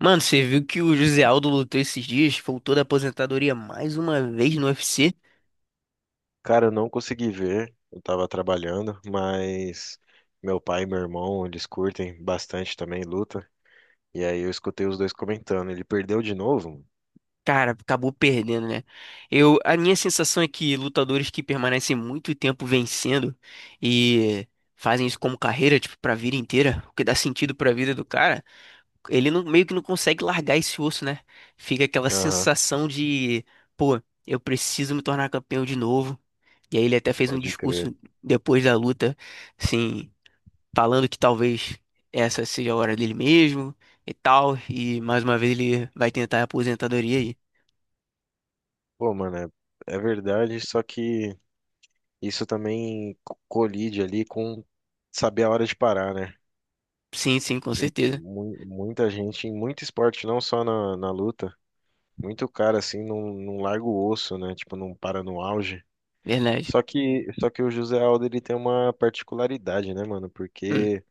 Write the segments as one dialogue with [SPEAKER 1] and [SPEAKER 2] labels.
[SPEAKER 1] Mano, você viu que o José Aldo lutou esses dias, voltou da aposentadoria mais uma vez no UFC?
[SPEAKER 2] Cara, eu não consegui ver, eu tava trabalhando, mas meu pai e meu irmão, eles curtem bastante também luta. E aí eu escutei os dois comentando, ele perdeu de novo?
[SPEAKER 1] Cara, acabou perdendo, né? Eu, a minha sensação é que lutadores que permanecem muito tempo vencendo e fazem isso como carreira, tipo, pra vida inteira, o que dá sentido pra vida do cara, ele não- meio que não consegue largar esse osso, né? Fica aquela
[SPEAKER 2] Aham,
[SPEAKER 1] sensação de, pô, eu preciso me tornar campeão de novo. E aí ele até fez um
[SPEAKER 2] pode crer.
[SPEAKER 1] discurso depois da luta, assim, falando que talvez essa seja a hora dele mesmo e tal, e mais uma vez ele vai tentar a aposentadoria aí.
[SPEAKER 2] Pô, mano, é verdade, só que isso também colide ali com saber a hora de parar, né?
[SPEAKER 1] Sim, sim, com certeza.
[SPEAKER 2] Muita gente, em muito esporte, não só na luta, muito cara assim não larga o osso, né? Tipo, não para no auge.
[SPEAKER 1] Verdade.
[SPEAKER 2] Só que o José Aldo ele tem uma particularidade, né, mano?
[SPEAKER 1] Hum.
[SPEAKER 2] Porque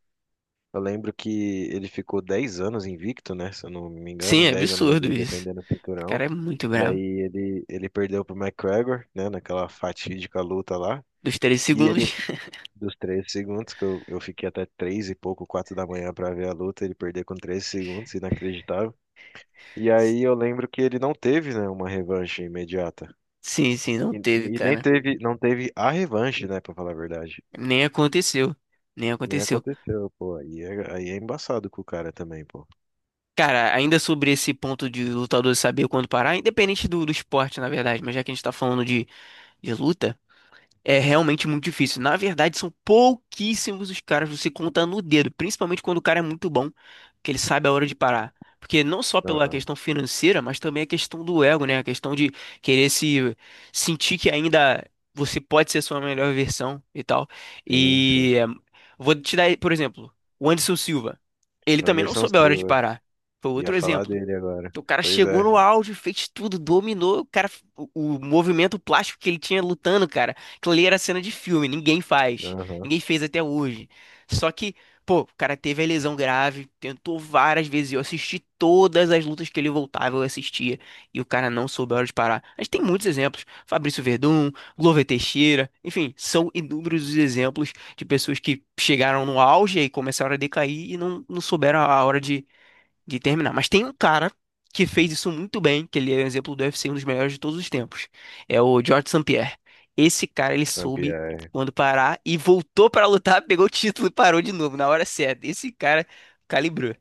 [SPEAKER 2] eu lembro que ele ficou 10 anos invicto, né? Se eu não me
[SPEAKER 1] Sim,
[SPEAKER 2] engano,
[SPEAKER 1] é
[SPEAKER 2] 10 anos
[SPEAKER 1] absurdo
[SPEAKER 2] ali
[SPEAKER 1] isso.
[SPEAKER 2] defendendo o
[SPEAKER 1] O
[SPEAKER 2] cinturão.
[SPEAKER 1] cara é muito
[SPEAKER 2] E
[SPEAKER 1] bravo.
[SPEAKER 2] aí ele perdeu pro McGregor, né? Naquela fatídica luta lá.
[SPEAKER 1] Dos três
[SPEAKER 2] E
[SPEAKER 1] segundos.
[SPEAKER 2] ele, dos 13 segundos, que eu fiquei até 3 e pouco, 4 da manhã pra ver a luta, ele perdeu com 13 segundos, inacreditável. E aí eu lembro que ele não teve, né, uma revanche imediata.
[SPEAKER 1] Sim, sim, não
[SPEAKER 2] E,
[SPEAKER 1] teve,
[SPEAKER 2] e nem
[SPEAKER 1] cara.
[SPEAKER 2] teve, não teve a revanche, né, pra falar a verdade.
[SPEAKER 1] Nem aconteceu. Nem
[SPEAKER 2] Nem
[SPEAKER 1] aconteceu.
[SPEAKER 2] aconteceu, pô. Aí é embaçado com o cara também, pô.
[SPEAKER 1] Cara, ainda sobre esse ponto de lutador saber quando parar, independente do esporte, na verdade, mas já que a gente tá falando de luta. É realmente muito difícil. Na verdade, são pouquíssimos os caras, você conta no dedo, principalmente quando o cara é muito bom, que ele sabe a hora de parar. Porque não só pela
[SPEAKER 2] Aham,
[SPEAKER 1] questão financeira, mas também a questão do ego, né? A questão de querer se sentir que ainda você pode ser sua melhor versão e tal.
[SPEAKER 2] sim, sim.
[SPEAKER 1] E é, vou te dar, por exemplo, o Anderson Silva. Ele também não
[SPEAKER 2] Anderson
[SPEAKER 1] soube a hora de
[SPEAKER 2] Silva.
[SPEAKER 1] parar. Foi
[SPEAKER 2] Ia
[SPEAKER 1] outro
[SPEAKER 2] falar
[SPEAKER 1] exemplo.
[SPEAKER 2] dele agora.
[SPEAKER 1] O cara
[SPEAKER 2] Pois
[SPEAKER 1] chegou
[SPEAKER 2] é.
[SPEAKER 1] no auge, fez tudo, dominou. O cara, o, o movimento plástico que ele tinha lutando, cara, aquilo ali era cena de filme, ninguém faz,
[SPEAKER 2] Aham,
[SPEAKER 1] ninguém fez até hoje. Só que, pô, o cara teve a lesão grave, tentou várias vezes. Eu assisti todas as lutas que ele voltava, eu assistia, e o cara não soube a hora de parar. A gente tem muitos exemplos: Fabrício Verdun, Glover Teixeira, enfim, são inúmeros os exemplos de pessoas que chegaram no auge e começaram a decair e não, não souberam a hora de terminar. Mas tem um cara que fez isso muito bem, que ele é um exemplo do UFC, um dos melhores de todos os tempos. É o George St. Pierre. Esse cara, ele soube
[SPEAKER 2] Sampaio.
[SPEAKER 1] quando parar e voltou pra lutar, pegou o título e parou de novo na hora certa. Esse cara calibrou.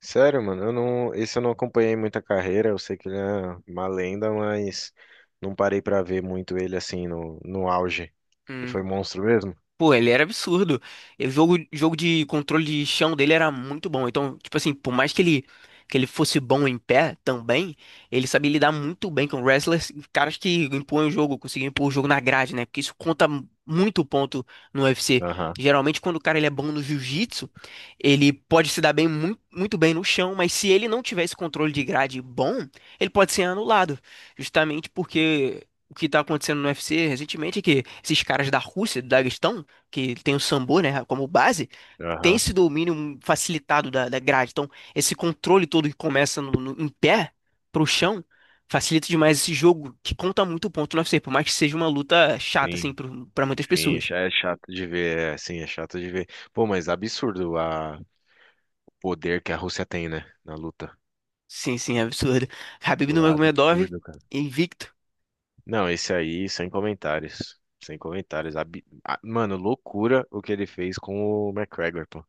[SPEAKER 2] Sério, mano, eu não, esse eu não acompanhei muita carreira. Eu sei que ele é uma lenda, mas não parei pra ver muito ele assim no auge. Ele foi monstro mesmo?
[SPEAKER 1] Pô, ele era absurdo. O jogo de controle de chão dele era muito bom. Então, tipo assim, por mais que ele fosse bom em pé também, ele sabia lidar muito bem com wrestlers, caras que impõem o jogo, conseguem impor o jogo na grade, né? Porque isso conta muito ponto no UFC.
[SPEAKER 2] Aham,
[SPEAKER 1] Geralmente, quando o cara ele é bom no jiu-jitsu, ele pode se dar bem muito, muito bem no chão, mas se ele não tiver esse controle de grade bom, ele pode ser anulado. Justamente porque. O que tá acontecendo no UFC recentemente é que esses caras da Rússia, do Daguestão, que tem o sambo, né, como base, tem
[SPEAKER 2] aham,
[SPEAKER 1] esse domínio facilitado da grade. Então, esse controle todo que começa em pé pro chão facilita demais esse jogo que conta muito ponto no UFC, por mais que seja uma luta chata, assim,
[SPEAKER 2] sim,
[SPEAKER 1] pra muitas
[SPEAKER 2] sim,
[SPEAKER 1] pessoas.
[SPEAKER 2] já é chato de ver, é, sim, é chato de ver. Pô, mas absurdo o poder que a Rússia tem, né, na luta.
[SPEAKER 1] Sim, sim, é absurdo. Khabib
[SPEAKER 2] Pô,
[SPEAKER 1] Nurmagomedov,
[SPEAKER 2] absurdo.
[SPEAKER 1] invicto,
[SPEAKER 2] Não, esse aí, sem comentários. Sem comentários. Mano, loucura o que ele fez com o McGregor, pô.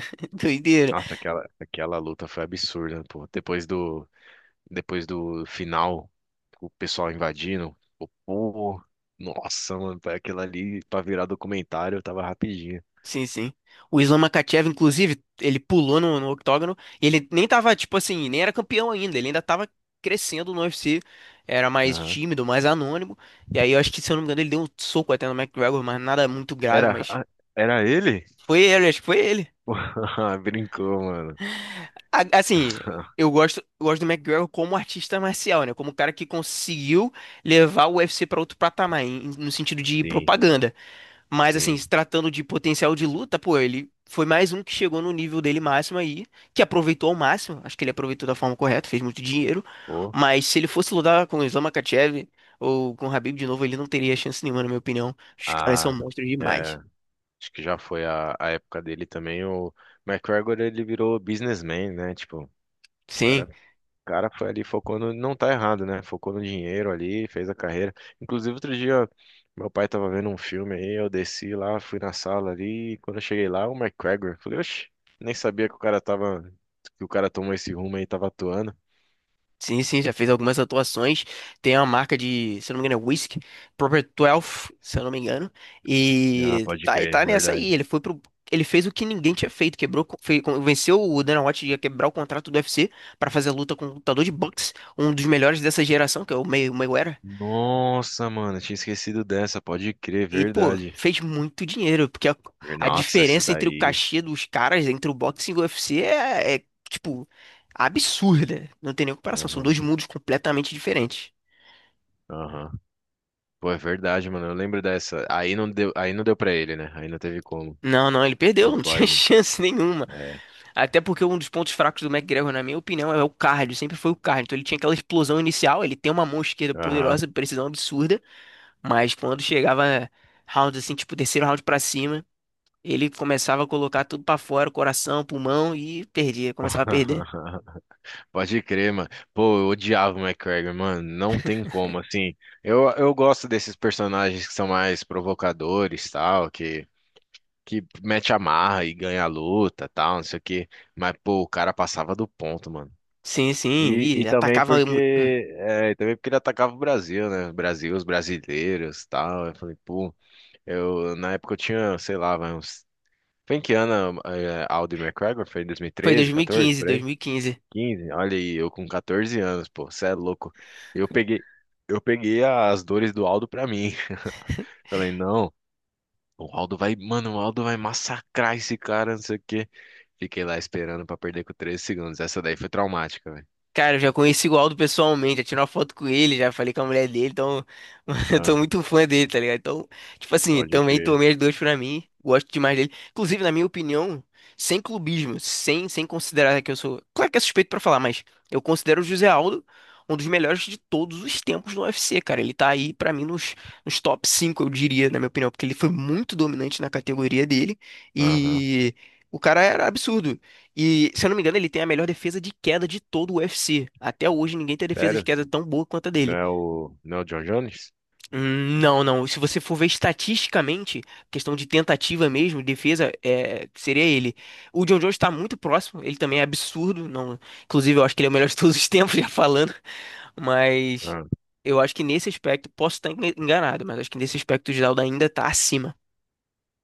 [SPEAKER 1] doideira.
[SPEAKER 2] Nossa, aquela luta foi absurda, pô. Depois do final, o pessoal invadindo. Pô, pô. Nossa, mano, pra aquilo ali, pra virar documentário, tava rapidinho.
[SPEAKER 1] Sim, sim. O Islam Makhachev, inclusive, ele pulou no octógono e ele nem tava, tipo assim, nem era campeão ainda, ele ainda tava crescendo no UFC, era mais
[SPEAKER 2] Aham.
[SPEAKER 1] tímido, mais anônimo. E aí eu acho que, se eu não me engano, ele deu um soco até no McGregor, mas nada muito grave,
[SPEAKER 2] Era,
[SPEAKER 1] mas
[SPEAKER 2] ah, era ele?
[SPEAKER 1] foi ele, acho que foi ele.
[SPEAKER 2] Pô, brincou, mano.
[SPEAKER 1] Assim, eu gosto do McGregor como artista marcial, né? Como um cara que conseguiu levar o UFC pra outro patamar, no sentido de
[SPEAKER 2] Sim,
[SPEAKER 1] propaganda. Mas, assim,
[SPEAKER 2] sim.
[SPEAKER 1] se tratando de potencial de luta, pô, ele foi mais um que chegou no nível dele máximo aí, que aproveitou ao máximo. Acho que ele aproveitou da forma correta, fez muito dinheiro.
[SPEAKER 2] Pô,
[SPEAKER 1] Mas se ele fosse lutar com o Islam Makhachev ou com o Khabib de novo, ele não teria chance nenhuma, na minha opinião. Os caras são
[SPEAKER 2] ah,
[SPEAKER 1] monstros
[SPEAKER 2] é.
[SPEAKER 1] demais.
[SPEAKER 2] Acho que já foi a época dele também. O McGregor, ele virou businessman, né? Tipo, o cara,
[SPEAKER 1] Sim.
[SPEAKER 2] o cara foi ali, focou no. Não tá errado, né? Focou no dinheiro ali, fez a carreira. Inclusive, outro dia, meu pai tava vendo um filme aí, eu desci lá, fui na sala ali, e quando eu cheguei lá, o McGregor, falei, oxe, nem sabia que o cara tava. Que o cara tomou esse rumo aí, tava atuando.
[SPEAKER 1] Sim, sim, já fez algumas atuações. Tem uma marca de, se eu não me engano, é Whisky, Proper 12, se eu não me engano.
[SPEAKER 2] Ah,
[SPEAKER 1] E
[SPEAKER 2] pode
[SPEAKER 1] tá, e
[SPEAKER 2] crer,
[SPEAKER 1] tá nessa aí.
[SPEAKER 2] verdade.
[SPEAKER 1] Ele foi pro. Ele fez o que ninguém tinha feito, quebrou, fez, venceu o Dana White a quebrar o contrato do UFC pra fazer a luta com o lutador de boxe, um dos melhores dessa geração, que é o Mayweather.
[SPEAKER 2] Nossa, mano, eu tinha esquecido dessa, pode crer,
[SPEAKER 1] E, pô,
[SPEAKER 2] verdade.
[SPEAKER 1] fez muito dinheiro, porque a
[SPEAKER 2] Nossa, essa
[SPEAKER 1] diferença entre o
[SPEAKER 2] daí.
[SPEAKER 1] cachê dos caras, entre o boxe e o UFC, tipo, absurda. Não tem nem comparação, são
[SPEAKER 2] Aham,
[SPEAKER 1] dois mundos completamente diferentes.
[SPEAKER 2] aham. Pô, é verdade, mano. Eu lembro dessa. Aí não deu pra ele, né? Aí não teve como.
[SPEAKER 1] Não, não, ele perdeu,
[SPEAKER 2] O
[SPEAKER 1] não tinha
[SPEAKER 2] Floyd.
[SPEAKER 1] chance nenhuma.
[SPEAKER 2] É.
[SPEAKER 1] Até porque um dos pontos fracos do McGregor, na minha opinião, é o cardio, sempre foi o cardio. Então ele tinha aquela explosão inicial, ele tem uma mão esquerda
[SPEAKER 2] Aham.
[SPEAKER 1] poderosa, precisão absurda, mas quando chegava round assim, tipo terceiro round pra cima, ele começava a colocar tudo pra fora, coração, pulmão e perdia, começava a perder.
[SPEAKER 2] Pode crer, mano. Pô, eu odiava o McGregor, mano. Não tem como, assim. Eu gosto desses personagens que são mais provocadores, tal, que mete a marra e ganha a luta, tal, não sei o quê. Mas, pô, o cara passava do ponto, mano.
[SPEAKER 1] Sim, sim,
[SPEAKER 2] E
[SPEAKER 1] e
[SPEAKER 2] também
[SPEAKER 1] atacava.
[SPEAKER 2] porque é, e também porque ele atacava o Brasil, né? O Brasil, os brasileiros, tal. Eu falei, pô, na época eu tinha, sei lá, vai uns. Foi em que ano é, Aldo e McGregor? Foi em
[SPEAKER 1] Foi
[SPEAKER 2] 2013, 14,
[SPEAKER 1] 2015,
[SPEAKER 2] por aí?
[SPEAKER 1] 2015.
[SPEAKER 2] 15? Olha aí, eu com 14 anos, pô, cê é louco. Eu peguei, eu peguei as dores do Aldo pra mim. Falei, não, o Aldo vai, mano, o Aldo vai massacrar esse cara, não sei o quê. Fiquei lá esperando pra perder com 13 segundos. Essa daí foi traumática, velho.
[SPEAKER 1] Cara, eu já conheci o Aldo pessoalmente, já tirei uma foto com ele, já falei com a mulher dele, então eu tô
[SPEAKER 2] Ah,
[SPEAKER 1] muito fã dele, tá ligado? Então, tipo assim,
[SPEAKER 2] pode
[SPEAKER 1] também
[SPEAKER 2] crer.
[SPEAKER 1] tomei as duas pra mim, gosto demais dele. Inclusive, na minha opinião, sem clubismo, sem considerar que eu sou. Claro que é suspeito pra falar, mas eu considero o José Aldo um dos melhores de todos os tempos no UFC, cara. Ele tá aí pra mim nos top 5, eu diria, na minha opinião, porque ele foi muito dominante na categoria dele
[SPEAKER 2] Aham.
[SPEAKER 1] e. O cara era absurdo. E, se eu não me engano, ele tem a melhor defesa de queda de todo o UFC. Até hoje, ninguém tem defesa de
[SPEAKER 2] Sério?
[SPEAKER 1] queda tão boa quanto a
[SPEAKER 2] Não
[SPEAKER 1] dele.
[SPEAKER 2] é o, não é o John Jones?
[SPEAKER 1] Hum. Não, não. Se você for ver estatisticamente, questão de tentativa mesmo, defesa, é, seria ele. O John Jones está muito próximo. Ele também é absurdo. Não, inclusive, eu acho que ele é o melhor de todos os tempos, já falando. Mas
[SPEAKER 2] Ah,
[SPEAKER 1] eu acho que nesse aspecto, posso estar enganado, mas acho que nesse aspecto, o Geraldo ainda está acima.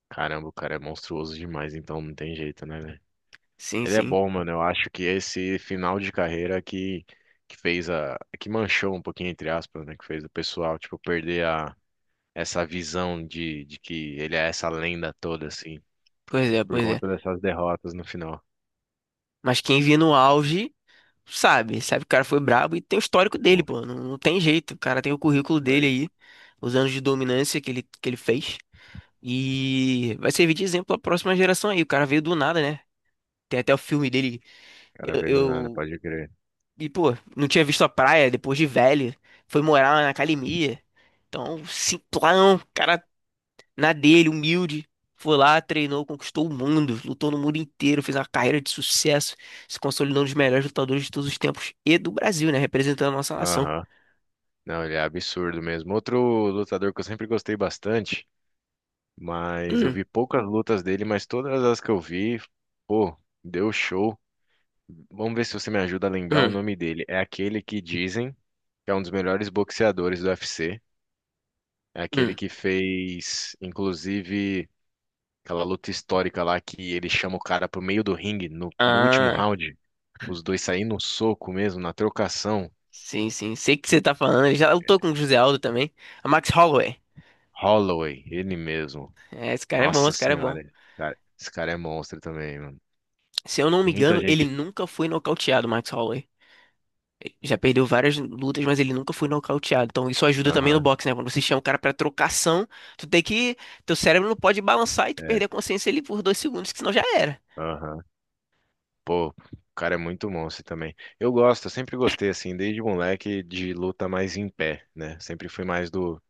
[SPEAKER 2] caramba, o cara é monstruoso demais, então não tem jeito, né, velho?
[SPEAKER 1] Sim,
[SPEAKER 2] Ele é
[SPEAKER 1] sim.
[SPEAKER 2] bom, mano. Eu acho que esse final de carreira que fez a. que manchou um pouquinho, entre aspas, né? Que fez o pessoal, tipo, perder essa visão de que ele é essa lenda toda, assim,
[SPEAKER 1] Pois é,
[SPEAKER 2] por
[SPEAKER 1] pois é.
[SPEAKER 2] conta dessas derrotas no final.
[SPEAKER 1] Mas quem via no auge. Sabe, sabe que o cara foi brabo e tem o histórico dele,
[SPEAKER 2] Pô,
[SPEAKER 1] pô. Não, não tem jeito. O cara tem o currículo dele
[SPEAKER 2] foi.
[SPEAKER 1] aí,
[SPEAKER 2] O
[SPEAKER 1] os anos de dominância que ele fez. E vai servir de exemplo à próxima geração aí. O cara veio do nada, né? Tem até o filme dele.
[SPEAKER 2] cara
[SPEAKER 1] Eu,
[SPEAKER 2] veio do nada,
[SPEAKER 1] eu-
[SPEAKER 2] pode crer.
[SPEAKER 1] E, pô, não tinha visto a praia depois de velho. Foi morar na academia. Então, simplão, cara na dele, humilde. Foi lá, treinou, conquistou o mundo, lutou no mundo inteiro, fez uma carreira de sucesso, se consolidou um dos melhores lutadores de todos os tempos e do Brasil, né? Representando a nossa nação.
[SPEAKER 2] Aham. Não, ele é absurdo mesmo. Outro lutador que eu sempre gostei bastante, mas eu
[SPEAKER 1] Hum,
[SPEAKER 2] vi poucas lutas dele, mas todas as que eu vi, pô, deu show. Vamos ver se você me ajuda a lembrar o
[SPEAKER 1] hum,
[SPEAKER 2] nome dele. É aquele que dizem que é um dos melhores boxeadores do UFC. É aquele
[SPEAKER 1] hum.
[SPEAKER 2] que fez, inclusive, aquela luta histórica lá que ele chama o cara pro meio do ringue no último
[SPEAKER 1] Ah,
[SPEAKER 2] round. Os dois saem no soco mesmo, na trocação.
[SPEAKER 1] sim, sim. Sei o que você tá falando. Ele já lutou com o José Aldo também. A Max Holloway.
[SPEAKER 2] Holloway, ele mesmo.
[SPEAKER 1] É, esse cara é bom,
[SPEAKER 2] Nossa
[SPEAKER 1] esse cara é bom.
[SPEAKER 2] senhora, cara, esse cara é monstro também, mano.
[SPEAKER 1] Se eu não me
[SPEAKER 2] Muita
[SPEAKER 1] engano, ele
[SPEAKER 2] gente.
[SPEAKER 1] nunca foi nocauteado, Max Holloway. Já perdeu várias lutas, mas ele nunca foi nocauteado. Então isso ajuda também no
[SPEAKER 2] Aham,
[SPEAKER 1] boxe, né? Quando você chama o cara pra trocação, tu tem que. Teu cérebro não pode balançar e tu
[SPEAKER 2] é,
[SPEAKER 1] perder a consciência ali por 2 segundos, que senão já era.
[SPEAKER 2] aham. Pô, o cara é muito monstro também. Eu sempre gostei, assim, desde moleque, de luta mais em pé, né? Sempre fui mais do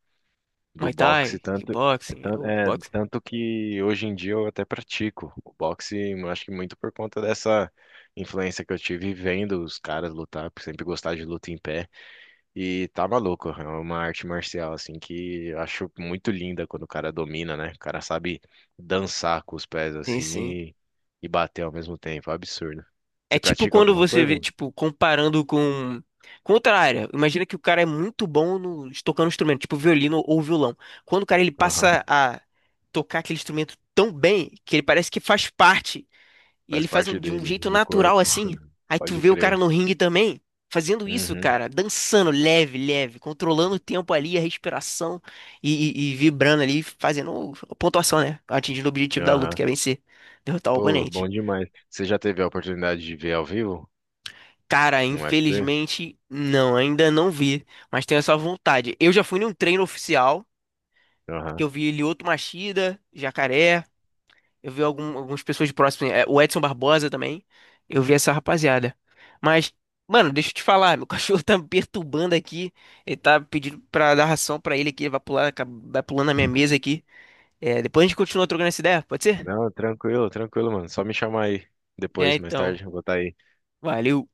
[SPEAKER 2] do
[SPEAKER 1] Muay Thai,
[SPEAKER 2] boxe, tanto, é,
[SPEAKER 1] kickboxing,
[SPEAKER 2] tan-
[SPEAKER 1] ou
[SPEAKER 2] é,
[SPEAKER 1] boxing.
[SPEAKER 2] tanto que hoje em dia eu até pratico o boxe, eu acho que muito por conta dessa influência que eu tive vendo os caras lutar, por sempre gostar de luta em pé, e tá maluco, é uma arte marcial, assim, que eu acho muito linda quando o cara domina, né? O cara sabe dançar com os pés,
[SPEAKER 1] Sim,
[SPEAKER 2] assim,
[SPEAKER 1] sim.
[SPEAKER 2] e bater ao mesmo tempo, é um absurdo.
[SPEAKER 1] É
[SPEAKER 2] Você
[SPEAKER 1] tipo
[SPEAKER 2] pratica
[SPEAKER 1] quando
[SPEAKER 2] alguma
[SPEAKER 1] você vê,
[SPEAKER 2] coisa?
[SPEAKER 1] tipo, comparando com. Com outra área. Imagina que o cara é muito bom no tocando um instrumento, tipo violino ou violão. Quando o cara ele
[SPEAKER 2] Aham,
[SPEAKER 1] passa a tocar aquele instrumento tão bem que ele parece que faz parte. E ele
[SPEAKER 2] faz
[SPEAKER 1] faz
[SPEAKER 2] parte
[SPEAKER 1] de um
[SPEAKER 2] dele,
[SPEAKER 1] jeito
[SPEAKER 2] do
[SPEAKER 1] natural
[SPEAKER 2] corpo,
[SPEAKER 1] assim. Aí tu
[SPEAKER 2] pode
[SPEAKER 1] vê o cara
[SPEAKER 2] crer.
[SPEAKER 1] no ringue também, fazendo isso,
[SPEAKER 2] Uhum.
[SPEAKER 1] cara, dançando leve, leve, controlando o tempo ali, a respiração e, e vibrando ali, fazendo a pontuação, né? Atingindo o objetivo da luta, que
[SPEAKER 2] Aham.
[SPEAKER 1] é vencer, derrotar o
[SPEAKER 2] Pô,
[SPEAKER 1] oponente.
[SPEAKER 2] bom demais. Você já teve a oportunidade de ver ao vivo
[SPEAKER 1] Cara,
[SPEAKER 2] um UFC?
[SPEAKER 1] infelizmente, não, ainda não vi, mas tenho essa vontade. Eu já fui num treino oficial, que
[SPEAKER 2] Aham.
[SPEAKER 1] eu vi Lyoto Machida, Jacaré. Eu vi algumas pessoas próximas, é, o Edson Barbosa também. Eu vi essa rapaziada. Mas, mano, deixa eu te falar, meu cachorro tá me perturbando aqui. Ele tá pedindo pra dar ração pra ele aqui, ele vai pular, na vai pulando na minha mesa aqui. É, depois a gente continua trocando essa ideia, pode ser?
[SPEAKER 2] Não, tranquilo, tranquilo, mano. Só me chamar aí
[SPEAKER 1] Já
[SPEAKER 2] depois, mais
[SPEAKER 1] então.
[SPEAKER 2] tarde, eu vou estar aí.
[SPEAKER 1] Valeu.